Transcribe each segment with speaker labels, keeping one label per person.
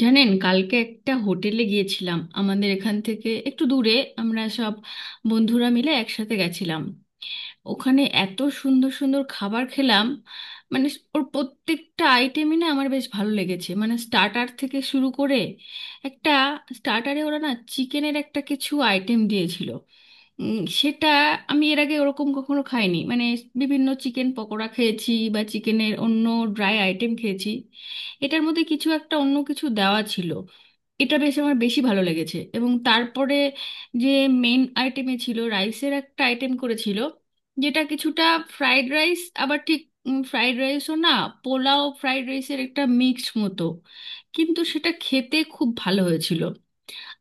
Speaker 1: জানেন, কালকে একটা হোটেলে গিয়েছিলাম আমাদের এখান থেকে একটু দূরে। আমরা সব বন্ধুরা মিলে একসাথে গেছিলাম। ওখানে এত সুন্দর সুন্দর খাবার খেলাম, মানে ওর প্রত্যেকটা আইটেমই না আমার বেশ ভালো লেগেছে, মানে স্টার্টার থেকে শুরু করে একটা স্টার্টারে ওরা না চিকেনের একটা কিছু আইটেম দিয়েছিল, উম, সেটা আমি এর আগে ওরকম কখনো খাইনি। মানে বিভিন্ন চিকেন পকোড়া খেয়েছি বা চিকেনের অন্য ড্রাই আইটেম খেয়েছি, এটার মধ্যে কিছু একটা অন্য কিছু দেওয়া ছিল। এটা বেশ আমার বেশি ভালো লেগেছে। এবং তারপরে যে মেন আইটেমে ছিল রাইসের একটা আইটেম করেছিল, যেটা কিছুটা ফ্রাইড রাইস, আবার ঠিক ফ্রাইড রাইসও না, পোলাও ফ্রাইড রাইসের একটা মিক্সড মতো, কিন্তু সেটা খেতে খুব ভালো হয়েছিল।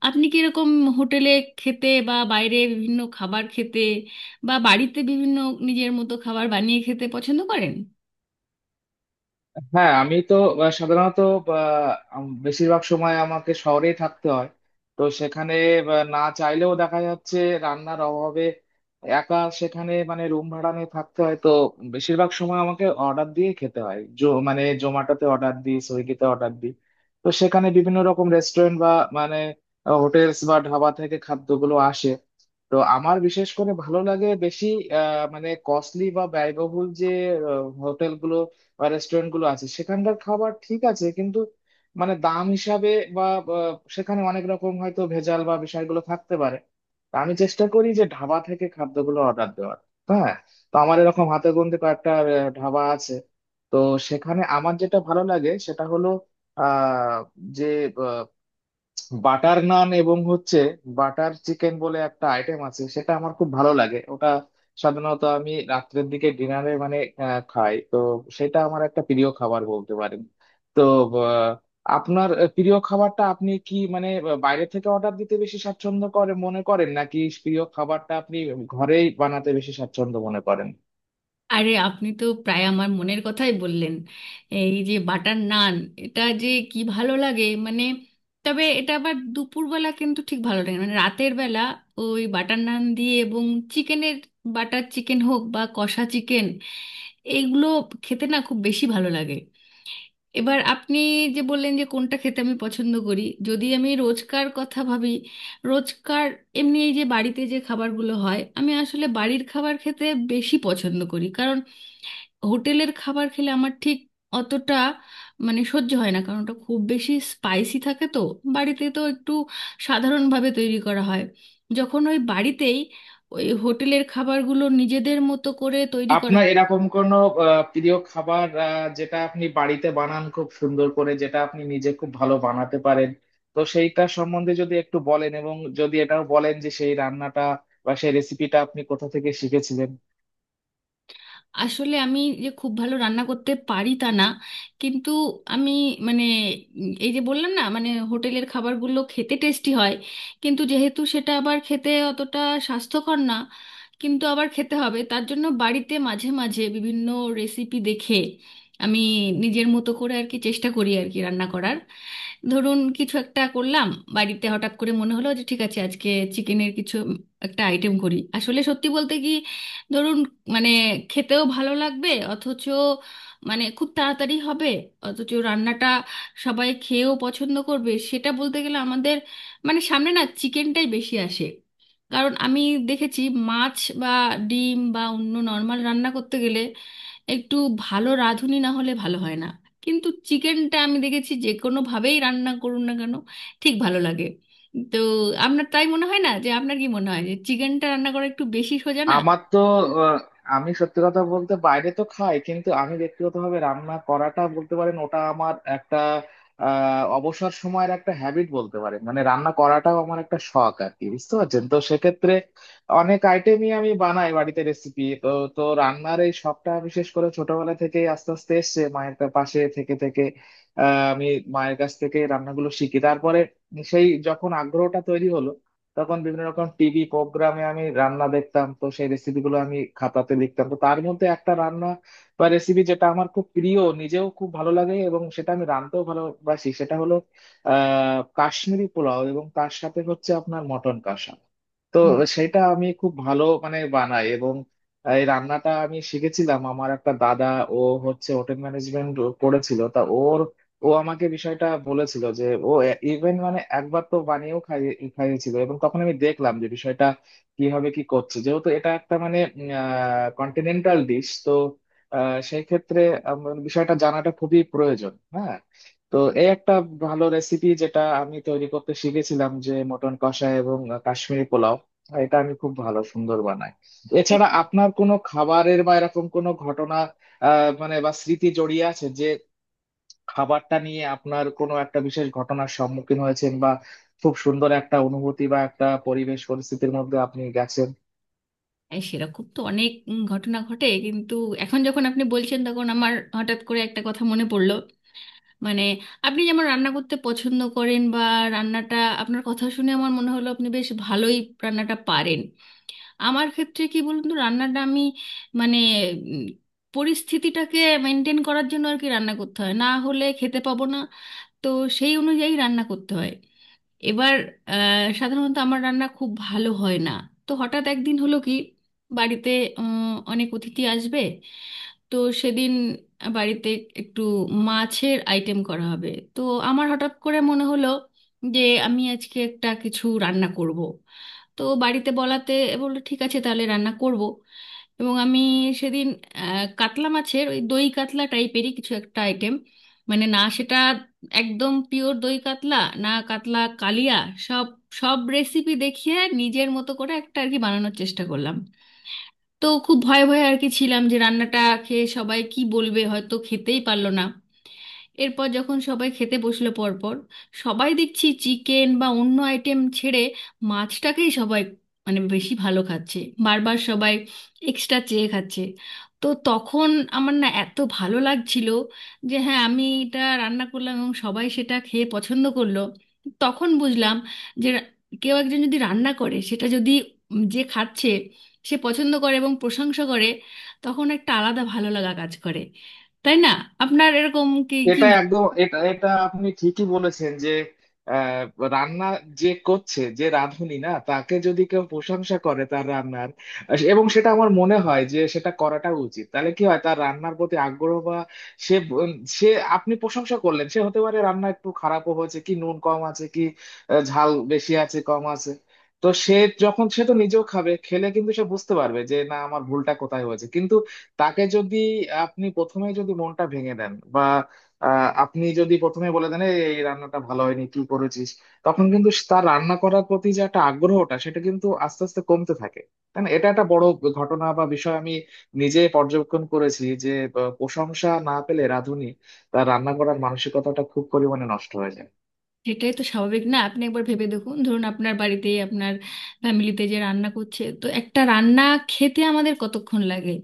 Speaker 1: আপনি কি এরকম হোটেলে খেতে বা বাইরে বিভিন্ন খাবার খেতে বা বাড়িতে বিভিন্ন নিজের মতো খাবার বানিয়ে খেতে পছন্দ করেন?
Speaker 2: হ্যাঁ, আমি তো সাধারণত আহ, বেশিরভাগ সময় আমাকে শহরেই থাকতে হয়। তো সেখানে না চাইলেও দেখা যাচ্ছে রান্নার অভাবে একা সেখানে মানে রুম ভাড়া নিয়ে থাকতে হয়, তো বেশিরভাগ সময় আমাকে অর্ডার দিয়ে খেতে হয়। মানে জোম্যাটোতে অর্ডার দিই, সুইগিতে অর্ডার দিই। তো সেখানে বিভিন্ন রকম রেস্টুরেন্ট বা মানে হোটেলস বা ধাবা থেকে খাদ্যগুলো আসে। তো আমার বিশেষ করে ভালো লাগে বেশি, মানে কস্টলি বা ব্যয়বহুল যে হোটেল গুলো বা রেস্টুরেন্ট গুলো আছে সেখানকার খাবার ঠিক আছে, কিন্তু মানে দাম হিসাবে বা বা সেখানে অনেক রকম হয়তো ভেজাল বা বিষয়গুলো থাকতে পারে। তা আমি চেষ্টা করি যে ধাবা থেকে খাদ্যগুলো অর্ডার দেওয়ার। হ্যাঁ, তো আমার এরকম হাতে গোনতে কয়েকটা ধাবা আছে। তো সেখানে আমার যেটা ভালো লাগে সেটা হলো আহ যে বাটার নান এবং হচ্ছে বাটার চিকেন বলে একটা আইটেম আছে, সেটা আমার খুব ভালো লাগে। ওটা সাধারণত আমি রাত্রের দিকে ডিনারে মানে খাই, তো সেটা আমার একটা প্রিয় খাবার বলতে পারেন। তো আহ, আপনার প্রিয় খাবারটা আপনি কি মানে বাইরে থেকে অর্ডার দিতে বেশি স্বাচ্ছন্দ্য করে মনে করেন, নাকি প্রিয় খাবারটা আপনি ঘরেই বানাতে বেশি স্বাচ্ছন্দ্য মনে করেন?
Speaker 1: আরে আপনি তো প্রায় আমার মনের কথাই বললেন। এই যে বাটার নান, এটা যে কি ভালো লাগে মানে! তবে এটা আবার দুপুরবেলা কিন্তু ঠিক ভালো লাগে না, মানে রাতের বেলা ওই বাটার নান দিয়ে এবং চিকেনের, বাটার চিকেন হোক বা কষা চিকেন, এইগুলো খেতে না খুব বেশি ভালো লাগে। এবার আপনি যে বললেন যে কোনটা খেতে আমি পছন্দ করি, যদি আমি রোজকার কথা ভাবি, রোজকার এমনি এই যে বাড়িতে যে খাবারগুলো হয়, আমি আসলে বাড়ির খাবার খেতে বেশি পছন্দ করি। কারণ হোটেলের খাবার খেলে আমার ঠিক অতটা মানে সহ্য হয় না, কারণ ওটা খুব বেশি স্পাইসি থাকে। তো বাড়িতে তো একটু সাধারণভাবে তৈরি করা হয়, যখন ওই বাড়িতেই ওই হোটেলের খাবারগুলো নিজেদের মতো করে তৈরি করা।
Speaker 2: আপনার এরকম কোনো প্রিয় খাবার যেটা আপনি বাড়িতে বানান খুব সুন্দর করে, যেটা আপনি নিজে খুব ভালো বানাতে পারেন, তো সেইটা সম্বন্ধে যদি একটু বলেন, এবং যদি এটাও বলেন যে সেই রান্নাটা বা সেই রেসিপিটা আপনি কোথা থেকে শিখেছিলেন।
Speaker 1: আসলে আমি যে খুব ভালো রান্না করতে পারি তা না, কিন্তু আমি মানে এই যে বললাম না মানে হোটেলের খাবারগুলো খেতে টেস্টি হয়, কিন্তু যেহেতু সেটা আবার খেতে অতটা স্বাস্থ্যকর না, কিন্তু আবার খেতে হবে, তার জন্য বাড়িতে মাঝে মাঝে বিভিন্ন রেসিপি দেখে আমি নিজের মতো করে আর কি চেষ্টা করি আর কি রান্না করার। ধরুন কিছু একটা করলাম, বাড়িতে হঠাৎ করে মনে হলো যে ঠিক আছে আজকে চিকেনের কিছু একটা আইটেম করি। আসলে সত্যি বলতে কি, ধরুন মানে খেতেও ভালো লাগবে, অথচ মানে খুব তাড়াতাড়ি হবে, অথচ রান্নাটা সবাই খেয়েও পছন্দ করবে, সেটা বলতে গেলে আমাদের মানে সামনে না চিকেনটাই বেশি আসে। কারণ আমি দেখেছি মাছ বা ডিম বা অন্য নর্মাল রান্না করতে গেলে একটু ভালো রাঁধুনি না হলে ভালো হয় না, কিন্তু চিকেনটা আমি দেখেছি যে কোনোভাবেই রান্না করুন না কেন ঠিক ভালো লাগে। তো আপনার তাই মনে হয় না, যে আপনার কি মনে হয় যে চিকেনটা রান্না করা একটু বেশি সোজা না?
Speaker 2: আমার তো আহ, আমি সত্যি কথা বলতে বাইরে তো খাই, কিন্তু আমি ব্যক্তিগতভাবে রান্না করাটা বলতে পারেন ওটা আমার একটা অবসর সময়ের একটা হ্যাবিট বলতে পারেন। মানে রান্না করাটাও আমার একটা শখ আর কি, বুঝতে পারছেন? তো সেক্ষেত্রে অনেক আইটেমই আমি বানাই বাড়িতে, রেসিপি তো। তো রান্নার এই শখটা বিশেষ করে ছোটবেলা থেকেই আস্তে আস্তে এসছে মায়ের পাশে থেকে থেকে। আমি মায়ের কাছ থেকে রান্নাগুলো শিখি, তারপরে সেই যখন আগ্রহটা তৈরি হলো, তখন বিভিন্ন রকম টিভি প্রোগ্রামে আমি রান্না দেখতাম, তো সেই রেসিপি গুলো আমি খাতাতে লিখতাম। তো তার মধ্যে একটা রান্না বা রেসিপি যেটা আমার খুব প্রিয়, নিজেও খুব ভালো লাগে এবং সেটা আমি রাঁধতেও ভালোবাসি, সেটা হলো কাশ্মীরি পোলাও এবং তার সাথে হচ্ছে আপনার মটন কষা। তো
Speaker 1: হুম।
Speaker 2: সেটা আমি খুব ভালো মানে বানাই। এবং এই রান্নাটা আমি শিখেছিলাম আমার একটা দাদা, ও হচ্ছে হোটেল ম্যানেজমেন্ট করেছিল, তা ওর, ও আমাকে বিষয়টা বলেছিল যে ও ইভেন মানে একবার তো বানিয়েও খাইয়েছিল, এবং তখন আমি দেখলাম যে বিষয়টা কিভাবে কি করছে। যেহেতু এটা একটা মানে কন্টিনেন্টাল ডিশ, তো সেই ক্ষেত্রে আমার বিষয়টা জানাটা খুবই প্রয়োজন। হ্যাঁ, তো এই একটা ভালো রেসিপি যেটা আমি তৈরি করতে শিখেছিলাম, যে মটন কষা এবং কাশ্মীরি পোলাও, এটা আমি খুব ভালো সুন্দর বানাই। এছাড়া আপনার কোনো খাবারের বা এরকম কোনো ঘটনা মানে বা স্মৃতি জড়িয়ে আছে, যে খাবারটা নিয়ে আপনার কোনো একটা বিশেষ ঘটনার সম্মুখীন হয়েছেন বা খুব সুন্দর একটা অনুভূতি বা একটা পরিবেশ পরিস্থিতির মধ্যে আপনি গেছেন?
Speaker 1: সেরকম তো অনেক ঘটনা ঘটে, কিন্তু এখন যখন আপনি বলছেন তখন আমার হঠাৎ করে একটা কথা মনে পড়লো। মানে আপনি যেমন রান্না করতে পছন্দ করেন বা রান্নাটা, আপনার কথা শুনে আমার মনে হলো আপনি বেশ ভালোই রান্নাটা পারেন। আমার ক্ষেত্রে কি বলুন তো, রান্নাটা আমি মানে উম, পরিস্থিতিটাকে মেনটেন করার জন্য আর কি রান্না করতে হয়, না হলে খেতে পাবো না। তো সেই অনুযায়ী রান্না করতে হয়। এবার সাধারণত আমার রান্না খুব ভালো হয় না। তো হঠাৎ একদিন হলো কি, বাড়িতে উম, অনেক অতিথি আসবে, তো সেদিন বাড়িতে একটু মাছের আইটেম করা হবে। তো আমার হঠাৎ করে মনে হলো যে আমি আজকে একটা কিছু রান্না করব। তো বাড়িতে বলাতে বললো ঠিক আছে তাহলে রান্না করব। এবং আমি সেদিন কাতলা মাছের ওই দই কাতলা টাইপেরই কিছু একটা আইটেম, মানে না সেটা একদম পিওর দই কাতলা না, কাতলা কালিয়া, সব সব রেসিপি দেখিয়ে নিজের মতো করে একটা আর কি বানানোর চেষ্টা করলাম। তো খুব ভয়ে ভয়ে আর কি ছিলাম যে রান্নাটা খেয়ে সবাই কি বলবে, হয়তো খেতেই পারলো না। এরপর যখন সবাই খেতে বসলো, পরপর সবাই দেখছি চিকেন বা অন্য আইটেম ছেড়ে মাছটাকেই সবাই মানে বেশি ভালো খাচ্ছে, বারবার সবাই এক্সট্রা চেয়ে খাচ্ছে। তো তখন আমার না এত ভালো লাগছিল যে হ্যাঁ আমি এটা রান্না করলাম এবং সবাই সেটা খেয়ে পছন্দ করলো। তখন বুঝলাম যে কেউ একজন যদি রান্না করে, সেটা যদি যে খাচ্ছে সে পছন্দ করে এবং প্রশংসা করে, তখন একটা আলাদা ভালো লাগা কাজ করে। তাই না? আপনার এরকম কি কি
Speaker 2: এটা একদম এটা এটা আপনি ঠিকই বলেছেন যে আহ, রান্না যে করছে, যে রাঁধুনি, না তাকে যদি কেউ প্রশংসা করে তার রান্নার, এবং সেটা আমার মনে হয় যে সেটা করাটা উচিত। তাহলে কি হয়, তার রান্নার প্রতি আগ্রহ বা সে ব- সে, আপনি প্রশংসা করলেন, সে হতে পারে রান্না একটু খারাপও হয়েছে, কি নুন কম আছে কি ঝাল বেশি আছে, কম আছে, তো সে যখন, সে তো নিজেও খাবে, খেলে কিন্তু সে বুঝতে পারবে যে না আমার ভুলটা কোথায় হয়েছে। কিন্তু তাকে যদি আপনি প্রথমেই যদি মনটা ভেঙে দেন, আপনি যদি প্রথমে বলে দেন "এই এই রান্নাটা ভালো হয়নি, কি করেছিস", তখন কিন্তু তার রান্না করার প্রতি যে একটা আগ্রহটা সেটা কিন্তু আস্তে আস্তে কমতে থাকে, তাই না? এটা একটা বড় ঘটনা বা বিষয়, আমি নিজে পর্যবেক্ষণ করেছি যে প্রশংসা না পেলে রাঁধুনি তার রান্না করার মানসিকতাটা খুব পরিমাণে নষ্ট হয়ে যায়।
Speaker 1: সেটাই তো স্বাভাবিক না? আপনি একবার ভেবে দেখুন, ধরুন আপনার বাড়িতে আপনার ফ্যামিলিতে যে রান্না করছে, তো একটা রান্না খেতে আমাদের কতক্ষণ লাগে?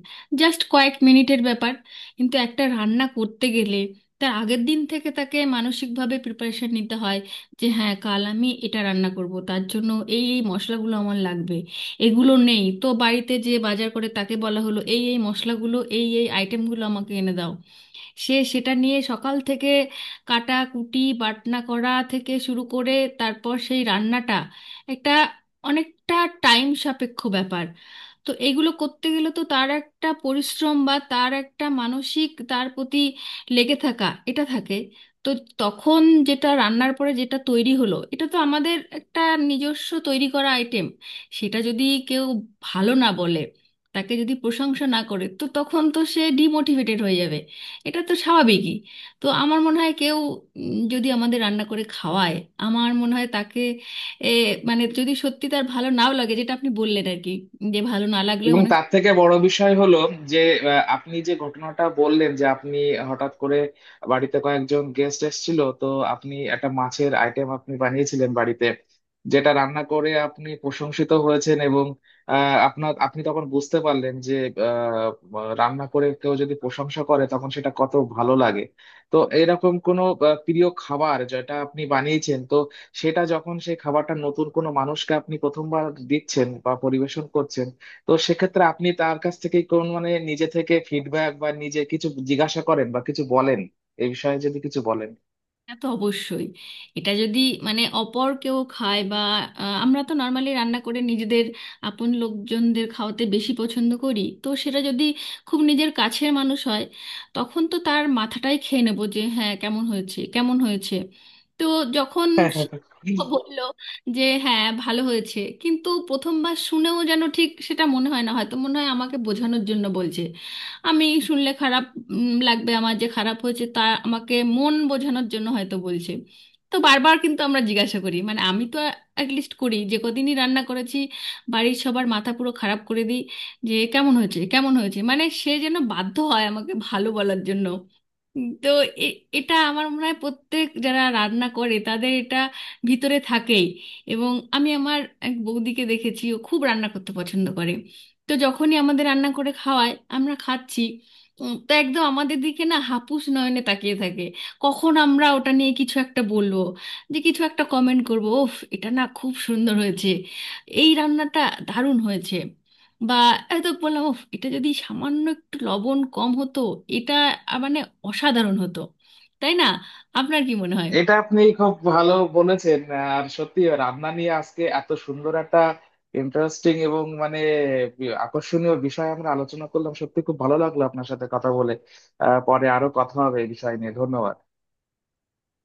Speaker 1: জাস্ট কয়েক মিনিটের ব্যাপার। কিন্তু একটা রান্না করতে গেলে তার আগের দিন থেকে তাকে মানসিকভাবে প্রিপারেশন নিতে হয় যে হ্যাঁ কাল আমি এটা রান্না করব, তার জন্য এই এই মশলাগুলো আমার লাগবে, এগুলো নেই তো বাড়িতে যে বাজার করে তাকে বলা হলো এই এই মশলাগুলো এই এই আইটেমগুলো আমাকে এনে দাও। সে সেটা নিয়ে সকাল থেকে কাটাকুটি বাটনা করা থেকে শুরু করে, তারপর সেই রান্নাটা একটা অনেকটা টাইম সাপেক্ষ ব্যাপার। তো এগুলো করতে গেলে তো তার একটা পরিশ্রম বা তার একটা মানসিক তার প্রতি লেগে থাকা এটা থাকে। তো তখন যেটা রান্নার পরে যেটা তৈরি হলো, এটা তো আমাদের একটা নিজস্ব তৈরি করা আইটেম। সেটা যদি কেউ ভালো না বলে, তাকে যদি প্রশংসা না করে, তো তখন তো সে ডিমোটিভেটেড হয়ে যাবে। এটা তো স্বাভাবিকই। তো আমার মনে হয় কেউ যদি আমাদের রান্না করে খাওয়ায়, আমার মনে হয় তাকে এ, মানে যদি সত্যি তার ভালো নাও লাগে, যেটা আপনি বললেন আর কি, যে ভালো না লাগলেও
Speaker 2: এবং
Speaker 1: অনেক
Speaker 2: তার থেকে বড় বিষয় হলো যে আপনি যে ঘটনাটা বললেন যে আপনি হঠাৎ করে বাড়িতে কয়েকজন গেস্ট এসেছিল, তো আপনি একটা মাছের আইটেম আপনি বানিয়েছিলেন বাড়িতে, যেটা রান্না করে আপনি প্রশংসিত হয়েছেন, এবং আপনার, আপনি তখন বুঝতে পারলেন যে আহ, রান্না করে কেউ যদি প্রশংসা করে তখন সেটা কত ভালো লাগে। তো এরকম কোনো প্রিয় খাবার যেটা আপনি বানিয়েছেন, তো সেটা যখন সেই খাবারটা নতুন কোনো মানুষকে আপনি প্রথমবার দিচ্ছেন বা পরিবেশন করছেন, তো সেক্ষেত্রে আপনি তার কাছ থেকে কোন মানে নিজে থেকে ফিডব্যাক বা নিজে কিছু জিজ্ঞাসা করেন বা কিছু বলেন, এই বিষয়ে যদি কিছু বলেন।
Speaker 1: তা তো অবশ্যই। এটা যদি মানে অপর কেউ খায় বা, আমরা তো নর্মালি রান্না করে নিজেদের আপন লোকজনদের খাওয়াতে বেশি পছন্দ করি, তো সেটা যদি খুব নিজের কাছের মানুষ হয় তখন তো তার মাথাটাই খেয়ে নেবো যে হ্যাঁ কেমন হয়েছে কেমন হয়েছে। তো যখন সে বললো যে হ্যাঁ ভালো হয়েছে, কিন্তু প্রথমবার শুনেও যেন ঠিক সেটা মনে হয় না, হয়তো মনে হয় আমাকে বোঝানোর জন্য বলছে, আমি শুনলে খারাপ লাগবে, আমার যে খারাপ হয়েছে তা আমাকে মন বোঝানোর জন্য হয়তো বলছে। তো বারবার কিন্তু আমরা জিজ্ঞাসা করি, মানে আমি তো লিস্ট করি যে কদিনই রান্না করেছি, বাড়ির সবার মাথা পুরো খারাপ করে দিই যে কেমন হয়েছে কেমন হয়েছে, মানে সে যেন বাধ্য হয় আমাকে ভালো বলার জন্য। তো এটা আমার মনে হয় প্রত্যেক যারা রান্না করে তাদের এটা ভিতরে থাকেই। এবং আমি আমার এক বৌদিকে দেখেছি, ও খুব রান্না করতে পছন্দ করে। তো যখনই আমাদের রান্না করে খাওয়ায়, আমরা খাচ্ছি, তো একদম আমাদের দিকে না হাপুস নয়নে তাকিয়ে থাকে কখন আমরা ওটা নিয়ে কিছু একটা বলবো, যে কিছু একটা কমেন্ট করবো ওফ এটা না খুব সুন্দর হয়েছে, এই রান্নাটা দারুণ হয়েছে। বা হয়তো বললাম "উফ, এটা যদি সামান্য একটু লবণ কম হতো এটা মানে অসাধারণ হতো। তাই না? আপনার কি মনে হয়?
Speaker 2: এটা আপনি খুব ভালো বলেছেন। আর সত্যি রান্না নিয়ে আজকে এত সুন্দর একটা ইন্টারেস্টিং এবং মানে আকর্ষণীয় বিষয় আমরা আলোচনা করলাম, সত্যি খুব ভালো লাগলো আপনার সাথে কথা বলে। পরে আরো কথা হবে এই বিষয় নিয়ে। ধন্যবাদ।